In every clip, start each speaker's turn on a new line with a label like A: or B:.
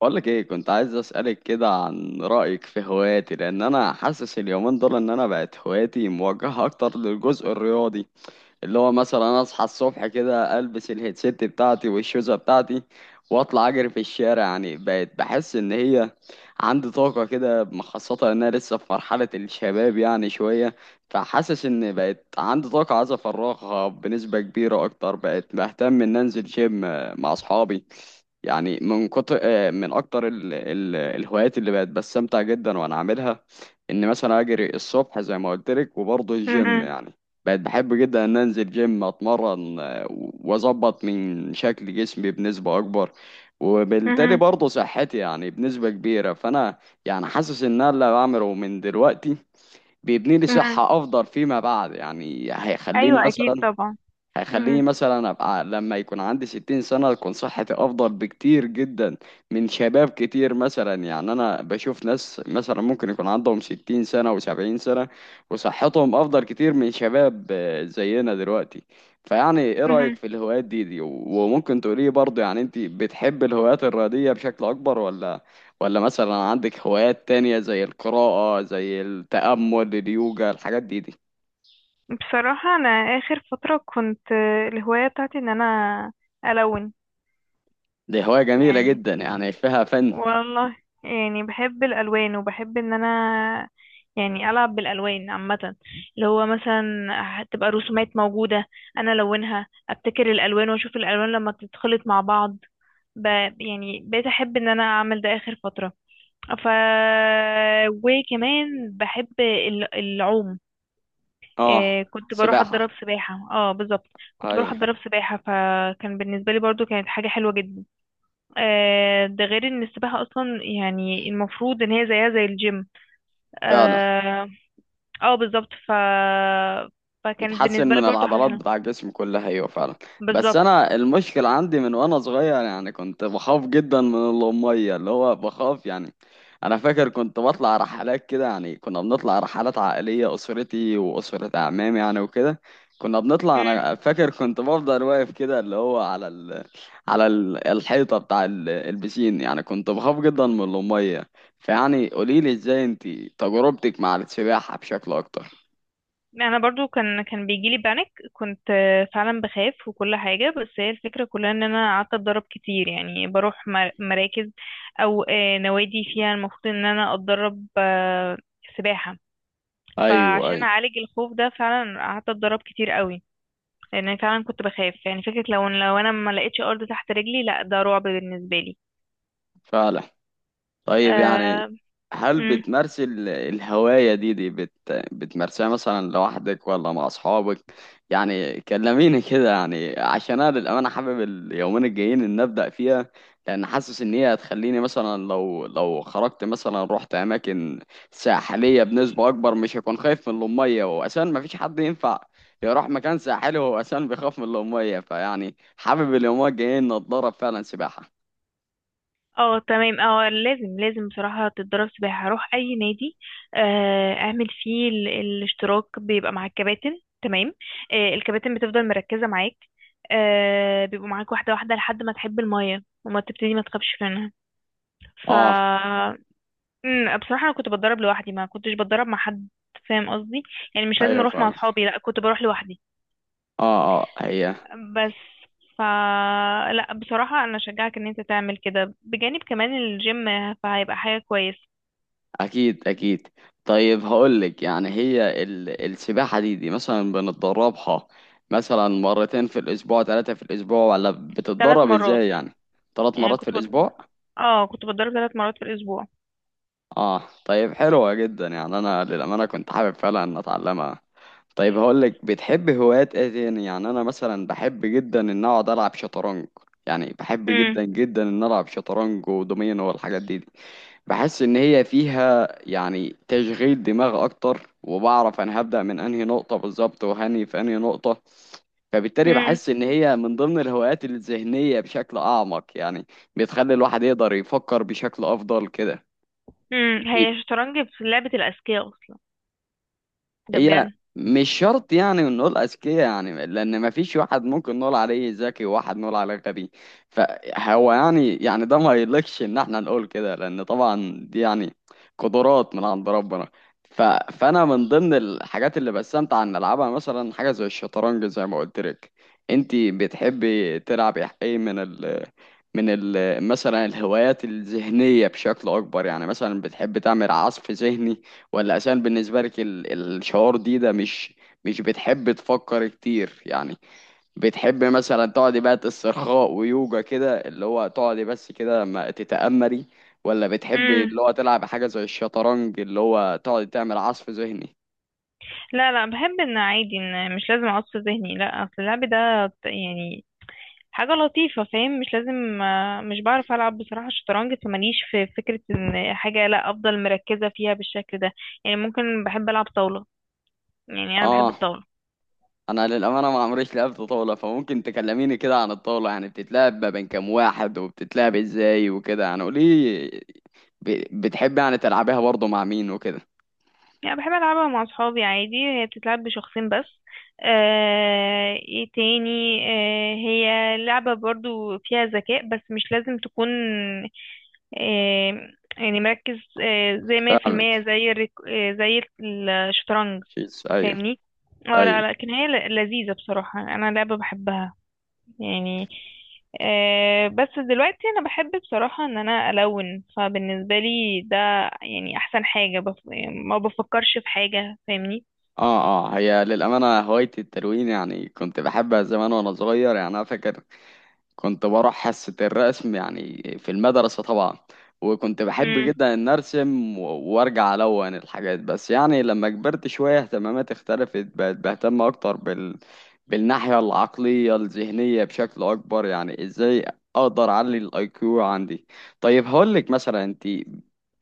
A: بقولك ايه، كنت عايز اسألك كده عن رأيك في هواياتي لان انا حاسس اليومين دول ان انا بقت هواياتي موجهة اكتر للجزء الرياضي، اللي هو مثلا انا اصحى الصبح كده البس الهيدسيت بتاعتي والشوزه بتاعتي واطلع اجري في الشارع. يعني بقت بحس ان هي عندي طاقه كده خاصه ان انا لسه في مرحله الشباب يعني شويه، فحاسس ان بقت عندي طاقه عايز افرغها بنسبه كبيره اكتر. بقت بهتم ان انزل جيم مع اصحابي يعني. من كتر من اكتر الهوايات اللي بقت بستمتع جدا وانا عاملها ان مثلا اجري الصبح زي ما قلت لك، وبرضه الجيم.
B: مهم.
A: يعني بقيت بحب جدا ان انزل جيم اتمرن واظبط من شكل جسمي بنسبة اكبر، وبالتالي
B: مهم.
A: برضه صحتي يعني بنسبة كبيرة. فانا يعني حاسس ان انا اللي بعمله من دلوقتي بيبني لي
B: مهم.
A: صحة افضل فيما بعد. يعني هيخليني
B: ايوه اكيد
A: مثلا
B: طبعا.
A: هيخليني
B: مهم.
A: مثلا ابقى لما يكون عندي ستين سنة تكون صحتي افضل بكتير جدا من شباب كتير. مثلا يعني انا بشوف ناس مثلا ممكن يكون عندهم ستين سنة وسبعين سنة وصحتهم افضل كتير من شباب زينا دلوقتي. فيعني ايه رأيك
B: مهم.
A: في الهوايات دي وممكن تقولي برضه يعني انت بتحب الهوايات الرياضية بشكل اكبر؟ ولا مثلا عندك هوايات تانية زي القراءة، زي التأمل، اليوجا، الحاجات دي؟
B: بصراحه انا اخر فتره كنت الهوايه بتاعتي ان انا الون.
A: دي هواية جميلة
B: يعني،
A: جدا يعني فيها فن.
B: والله، يعني بحب الالوان وبحب ان انا يعني العب بالالوان عامه، اللي هو مثلا هتبقى رسومات موجوده انا الونها، ابتكر الالوان واشوف الالوان لما تتخلط مع بعض. ب... يعني بقيت احب ان انا اعمل ده اخر فتره. ف وكمان بحب العوم.
A: اه،
B: كنت بروح
A: سباحة.
B: اتدرب سباحة، اه بالظبط. كنت بروح
A: ايوه
B: اتدرب سباحة فكان بالنسبة لي برضو كانت حاجة حلوة جدا. ده غير ان السباحة اصلا يعني المفروض ان هي زيها زي الجيم.
A: فعلا.
B: اه. بالظبط. فكانت
A: بتحسن
B: بالنسبة لي
A: من
B: برضو حاجة
A: العضلات
B: حلوة.
A: بتاع الجسم كلها، ايوه فعلا. بس
B: بالظبط.
A: انا المشكله عندي من وانا صغير يعني كنت بخاف جدا من الميه، اللي هو بخاف يعني. انا فاكر كنت بطلع رحلات كده، يعني كنا بنطلع رحلات عائليه اسرتي واسره اعمامي يعني وكده. كنا بنطلع، انا فاكر كنت بفضل واقف كده اللي هو على على الحيطه بتاع البسين، يعني كنت بخاف جدا من الميه. فيعني قوليلي ازاي انتي تجربتك مع السباحه بشكل اكتر.
B: انا برضو كان بيجيلي بانيك، كنت فعلا بخاف وكل حاجه، بس هي الفكره كلها ان انا قعدت اتدرب كتير، يعني بروح مراكز او نوادي فيها المفروض ان انا اتدرب سباحه.
A: ايوه،
B: فعشان
A: ايوه
B: اعالج الخوف ده فعلا قعدت اتدرب كتير قوي، لان فعلا كنت بخاف. يعني فكره لو انا ما لقيتش ارض تحت رجلي، لا ده رعب بالنسبه لي.
A: فعلا. طيب يعني،
B: أه.
A: هل بتمارسي الهواية دي بتمارسيها مثلا لوحدك ولا مع أصحابك؟ يعني كلميني كده، يعني عشان أنا للأمانة حابب اليومين الجايين إن أبدأ فيها، لأن حاسس إن هي هتخليني مثلا لو خرجت مثلا رحت أماكن ساحلية بنسبة أكبر مش هكون خايف من المية. وأساسا مفيش حد ينفع يروح مكان ساحلي وهو أساسا بيخاف من المية. فيعني حابب اليومين الجايين إن أتدرب فعلا سباحة.
B: اه تمام، اه لازم بصراحة تتدرب سباحة، روح أي نادي اعمل فيه الاشتراك، بيبقى مع الكباتن تمام. الكباتن بتفضل مركزة معاك، بيبقوا معاك واحدة واحدة لحد ما تحب المية وما تبتدي ما تخافش منها. ف
A: آه.
B: بصراحة أنا كنت بتدرب لوحدي، ما كنتش بتدرب مع حد، فاهم قصدي؟ يعني مش لازم
A: أيوه
B: أروح مع
A: فاهم.
B: أصحابي، لأ كنت بروح لوحدي.
A: اه اه، هي
B: بس ف لا بصراحة أنا أشجعك إن أنت تعمل كده بجانب كمان الجيم، فهيبقى حاجة كويسة.
A: اكيد اكيد. طيب هقولك، يعني هي السباحة دي مثلا بنتدربها مثلا مرتين في الاسبوع، ثلاثة في الاسبوع، ولا
B: ثلاث
A: بتتدرب
B: مرات.
A: ازاي يعني؟ ثلاث
B: يعني
A: مرات في
B: كنت بض...
A: الاسبوع.
B: اه كنت بتضرب ثلاث مرات في الاسبوع.
A: اه طيب، حلوة جدا. يعني انا للأمانة كنت حابب فعلا ان اتعلمها. طيب هقولك، بتحب هوايات ايه تاني؟ يعني انا مثلا بحب جدا ان اقعد العب شطرنج. يعني بحب
B: امم.
A: جدا جدا ان العب شطرنج ودومينو والحاجات دي. بحس ان هي فيها يعني تشغيل دماغ اكتر، وبعرف انا هبدأ من انهي نقطة بالظبط وهني في انهي نقطة. فبالتالي
B: امم.
A: بحس ان هي من ضمن الهوايات الذهنية بشكل اعمق يعني، بتخلي الواحد يقدر يفكر بشكل افضل كده.
B: امم، هي الشطرنج في لعبة الاذكياء اصلا، ده بجد.
A: هي مش شرط يعني نقول أذكياء، يعني لأن مفيش واحد ممكن نقول عليه ذكي وواحد نقول عليه غبي. فهو يعني، يعني ده ما يليقش إن احنا نقول كده، لأن طبعا دي يعني قدرات من عند ربنا. ف... فأنا من ضمن الحاجات اللي بستمتع إن ألعبها مثلا حاجة زي الشطرنج زي ما قلت لك. أنتي بتحبي تلعبي إيه من ال مثلا الهوايات الذهنية بشكل أكبر؟ يعني مثلا بتحب تعمل عصف ذهني، ولا عشان بالنسبة لك الشعور دي ده مش بتحب تفكر كتير يعني؟ بتحب مثلا تقعدي بقى استرخاء ويوجا كده اللي هو تقعدي بس كده ما تتأمري، ولا بتحبي
B: امم.
A: اللي هو تلعب حاجة زي الشطرنج اللي هو تقعدي تعمل عصف ذهني؟
B: لا لا، بحب ان عادي ان مش لازم اعصف ذهني، لا اصل اللعب ده يعني حاجة لطيفة، فاهم؟ مش لازم مش بعرف العب بصراحة الشطرنج، فماليش في فكرة ان حاجة لا افضل مركزة فيها بالشكل ده. يعني ممكن بحب العب طاولة، يعني انا بحب
A: اه،
B: الطاولة.
A: انا للأمانة ما عمريش لعبت طاولة، فممكن تكلميني كده عن الطاولة؟ يعني بتتلعب ما بين كام واحد وبتتلعب ازاي وكده، يعني قولي، بتحبي يعني تلعبيها برضه مع مين وكده؟
B: يعني بحب ألعبها مع أصحابي عادي. هي بتتلعب بشخصين بس. آه، ايه تاني، آه هي لعبة برضو فيها ذكاء، بس مش لازم تكون آه يعني مركز. آه زي مية في المية،
A: فاهمك،
B: زي الريك، آه زي الشطرنج.
A: شيس، ايوه.
B: فاهمني؟ اه
A: ايوه،
B: لا، لكن هي لذيذة بصراحة، أنا لعبة بحبها. يعني بس دلوقتي انا بحب بصراحة ان انا الون، فبالنسبة لي ده يعني احسن حاجة. يعني ما بفكرش في حاجة، فاهمني؟
A: اه اه. هي للأمانة هوايتي التلوين، يعني كنت بحبها زمان وانا صغير. يعني انا فاكر كنت بروح حصة الرسم يعني في المدرسة طبعا، وكنت بحب
B: مم.
A: جدا ان ارسم وارجع الون الحاجات. بس يعني لما كبرت شوية اهتماماتي اختلفت، بقت بهتم اكتر بالناحية العقلية الذهنية بشكل اكبر، يعني ازاي اقدر اعلي الاي كيو عندي. طيب هقولك، مثلا انت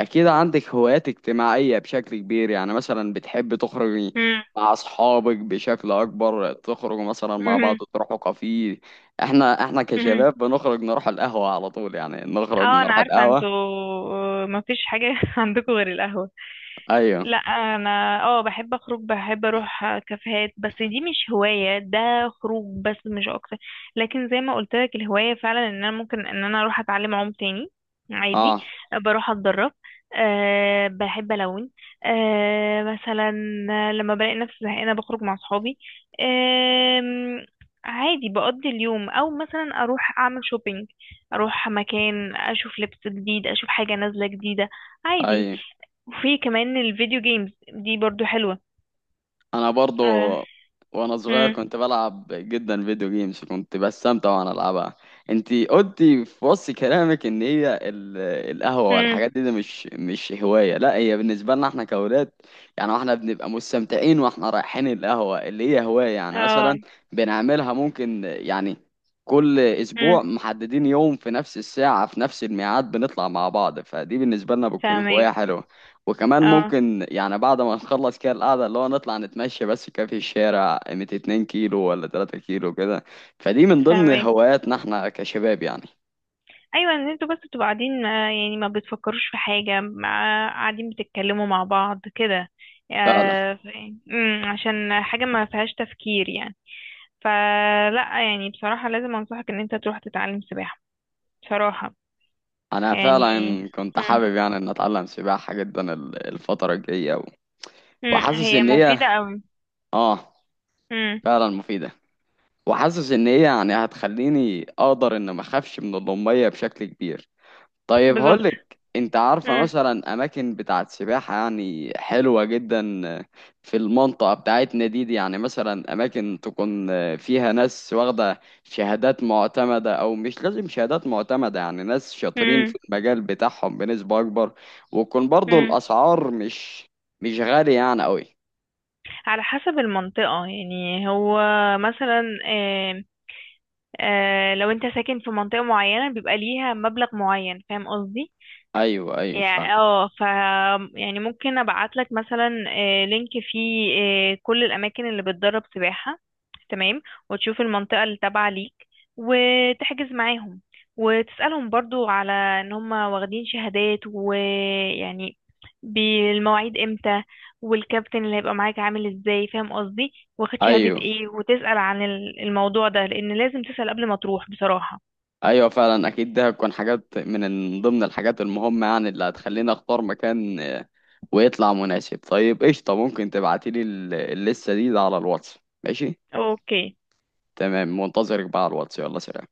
A: اكيد عندك هوايات اجتماعية بشكل كبير، يعني مثلا بتحب تخرجي
B: مم.
A: مع اصحابك بشكل اكبر، تخرجوا مثلا مع بعض
B: مم.
A: تروحوا كافيه. احنا
B: مم.
A: كشباب بنخرج نروح القهوة على طول، يعني نخرج
B: اه انا
A: نروح
B: عارفه انتوا
A: القهوة.
B: ما فيش حاجه عندكم غير القهوه.
A: ايوه.
B: لا انا اه بحب اخرج، بحب اروح كافيهات، بس دي مش هواية، ده خروج بس مش اكتر. لكن زي ما قلت لك، الهواية فعلا ان انا ممكن ان انا اروح اتعلم عوم تاني عادي،
A: اه،
B: بروح اتدرب. أه بحب الون. أه مثلا لما بلاقي نفسي زهقانة بخرج مع صحابي، أه عادي بقضي اليوم، او مثلا اروح اعمل شوبينج، اروح مكان اشوف لبس جديد، اشوف حاجة نازلة جديدة عادي.
A: ايوه،
B: وفي كمان الفيديو جيمز دي برضو حلوة.
A: انا برضو.
B: اه.
A: وانا صغير
B: امم.
A: كنت بلعب جدا فيديو جيمز، كنت بستمتع وانا العبها. انت قلتي في وصف كلامك ان هي القهوه
B: امم.
A: والحاجات دي، دي مش هوايه، لا هي بالنسبه لنا احنا كاولاد يعني احنا بنبقى مستمتعين واحنا رايحين القهوه اللي هي هوايه. يعني
B: اه.
A: مثلا بنعملها ممكن يعني كل
B: امم.
A: اسبوع محددين يوم في نفس الساعه في نفس الميعاد بنطلع مع بعض، فدي بالنسبه لنا بتكون
B: فاهمك.
A: هوايه حلوه. وكمان
B: اه
A: ممكن يعني بعد ما نخلص كده القعدة اللي هو نطلع نتمشى بس كده في الشارع قيمة 2 كيلو ولا 3 كيلو كده، فدي من ضمن
B: فاهمك.
A: هواياتنا احنا كشباب يعني.
B: ايوه ان انتوا بس بتبقوا قاعدين، يعني ما بتفكروش في حاجة، قاعدين بتتكلموا مع بعض كده،
A: فعلا.
B: آه، ف- عشان حاجة ما فيهاش تفكير يعني. فلا يعني بصراحة لازم انصحك ان انت تروح تتعلم سباحة بصراحة.
A: انا
B: يعني
A: فعلا كنت
B: امم.
A: حابب يعني ان اتعلم سباحة جدا الفترة الجاية
B: امم،
A: وحاسس
B: هي
A: ان هي
B: مفيدة قوي.
A: اه
B: امم.
A: فعلا مفيدة. وحاسس ان هي يعني هتخليني اقدر ان ما اخافش من المية بشكل كبير. طيب
B: بالظبط.
A: هقولك، انت عارفة
B: امم.
A: مثلا اماكن بتاعت سباحة يعني حلوة جدا في المنطقة بتاعتنا دي، دي يعني مثلا اماكن تكون فيها ناس واخدة شهادات معتمدة، او مش لازم شهادات معتمدة يعني ناس شاطرين في المجال بتاعهم بنسبة اكبر، ويكون برضو
B: امم.
A: الاسعار مش غالية يعني قوي؟
B: على حسب المنطقة يعني، هو مثلا لو انت ساكن في منطقة معينة بيبقى ليها مبلغ معين، فاهم قصدي؟
A: ايوه ايوه فاهم.
B: يعني اه. يعني ممكن ابعت لك مثلا لينك فيه كل الاماكن اللي بتدرب سباحة، تمام، وتشوف المنطقة اللي تابعة ليك وتحجز معاهم، وتسألهم برضو على ان هم واخدين شهادات، ويعني بالمواعيد امتى، والكابتن اللي هيبقى معاك عامل ازاي، فاهم قصدي؟ واخد شهادة
A: ايوه
B: ايه، وتسأل عن الموضوع ده، لان لازم تسأل قبل ما تروح بصراحة.
A: ايوه فعلا، اكيد ده هتكون حاجات من ضمن الحاجات المهمة يعني اللي هتخليني اختار مكان ويطلع مناسب. طيب قشطة، ممكن تبعتيلي اللسة دي ده على الواتس؟ ماشي،
B: اوكي.
A: تمام، منتظرك بقى على الواتس، يلا سلام.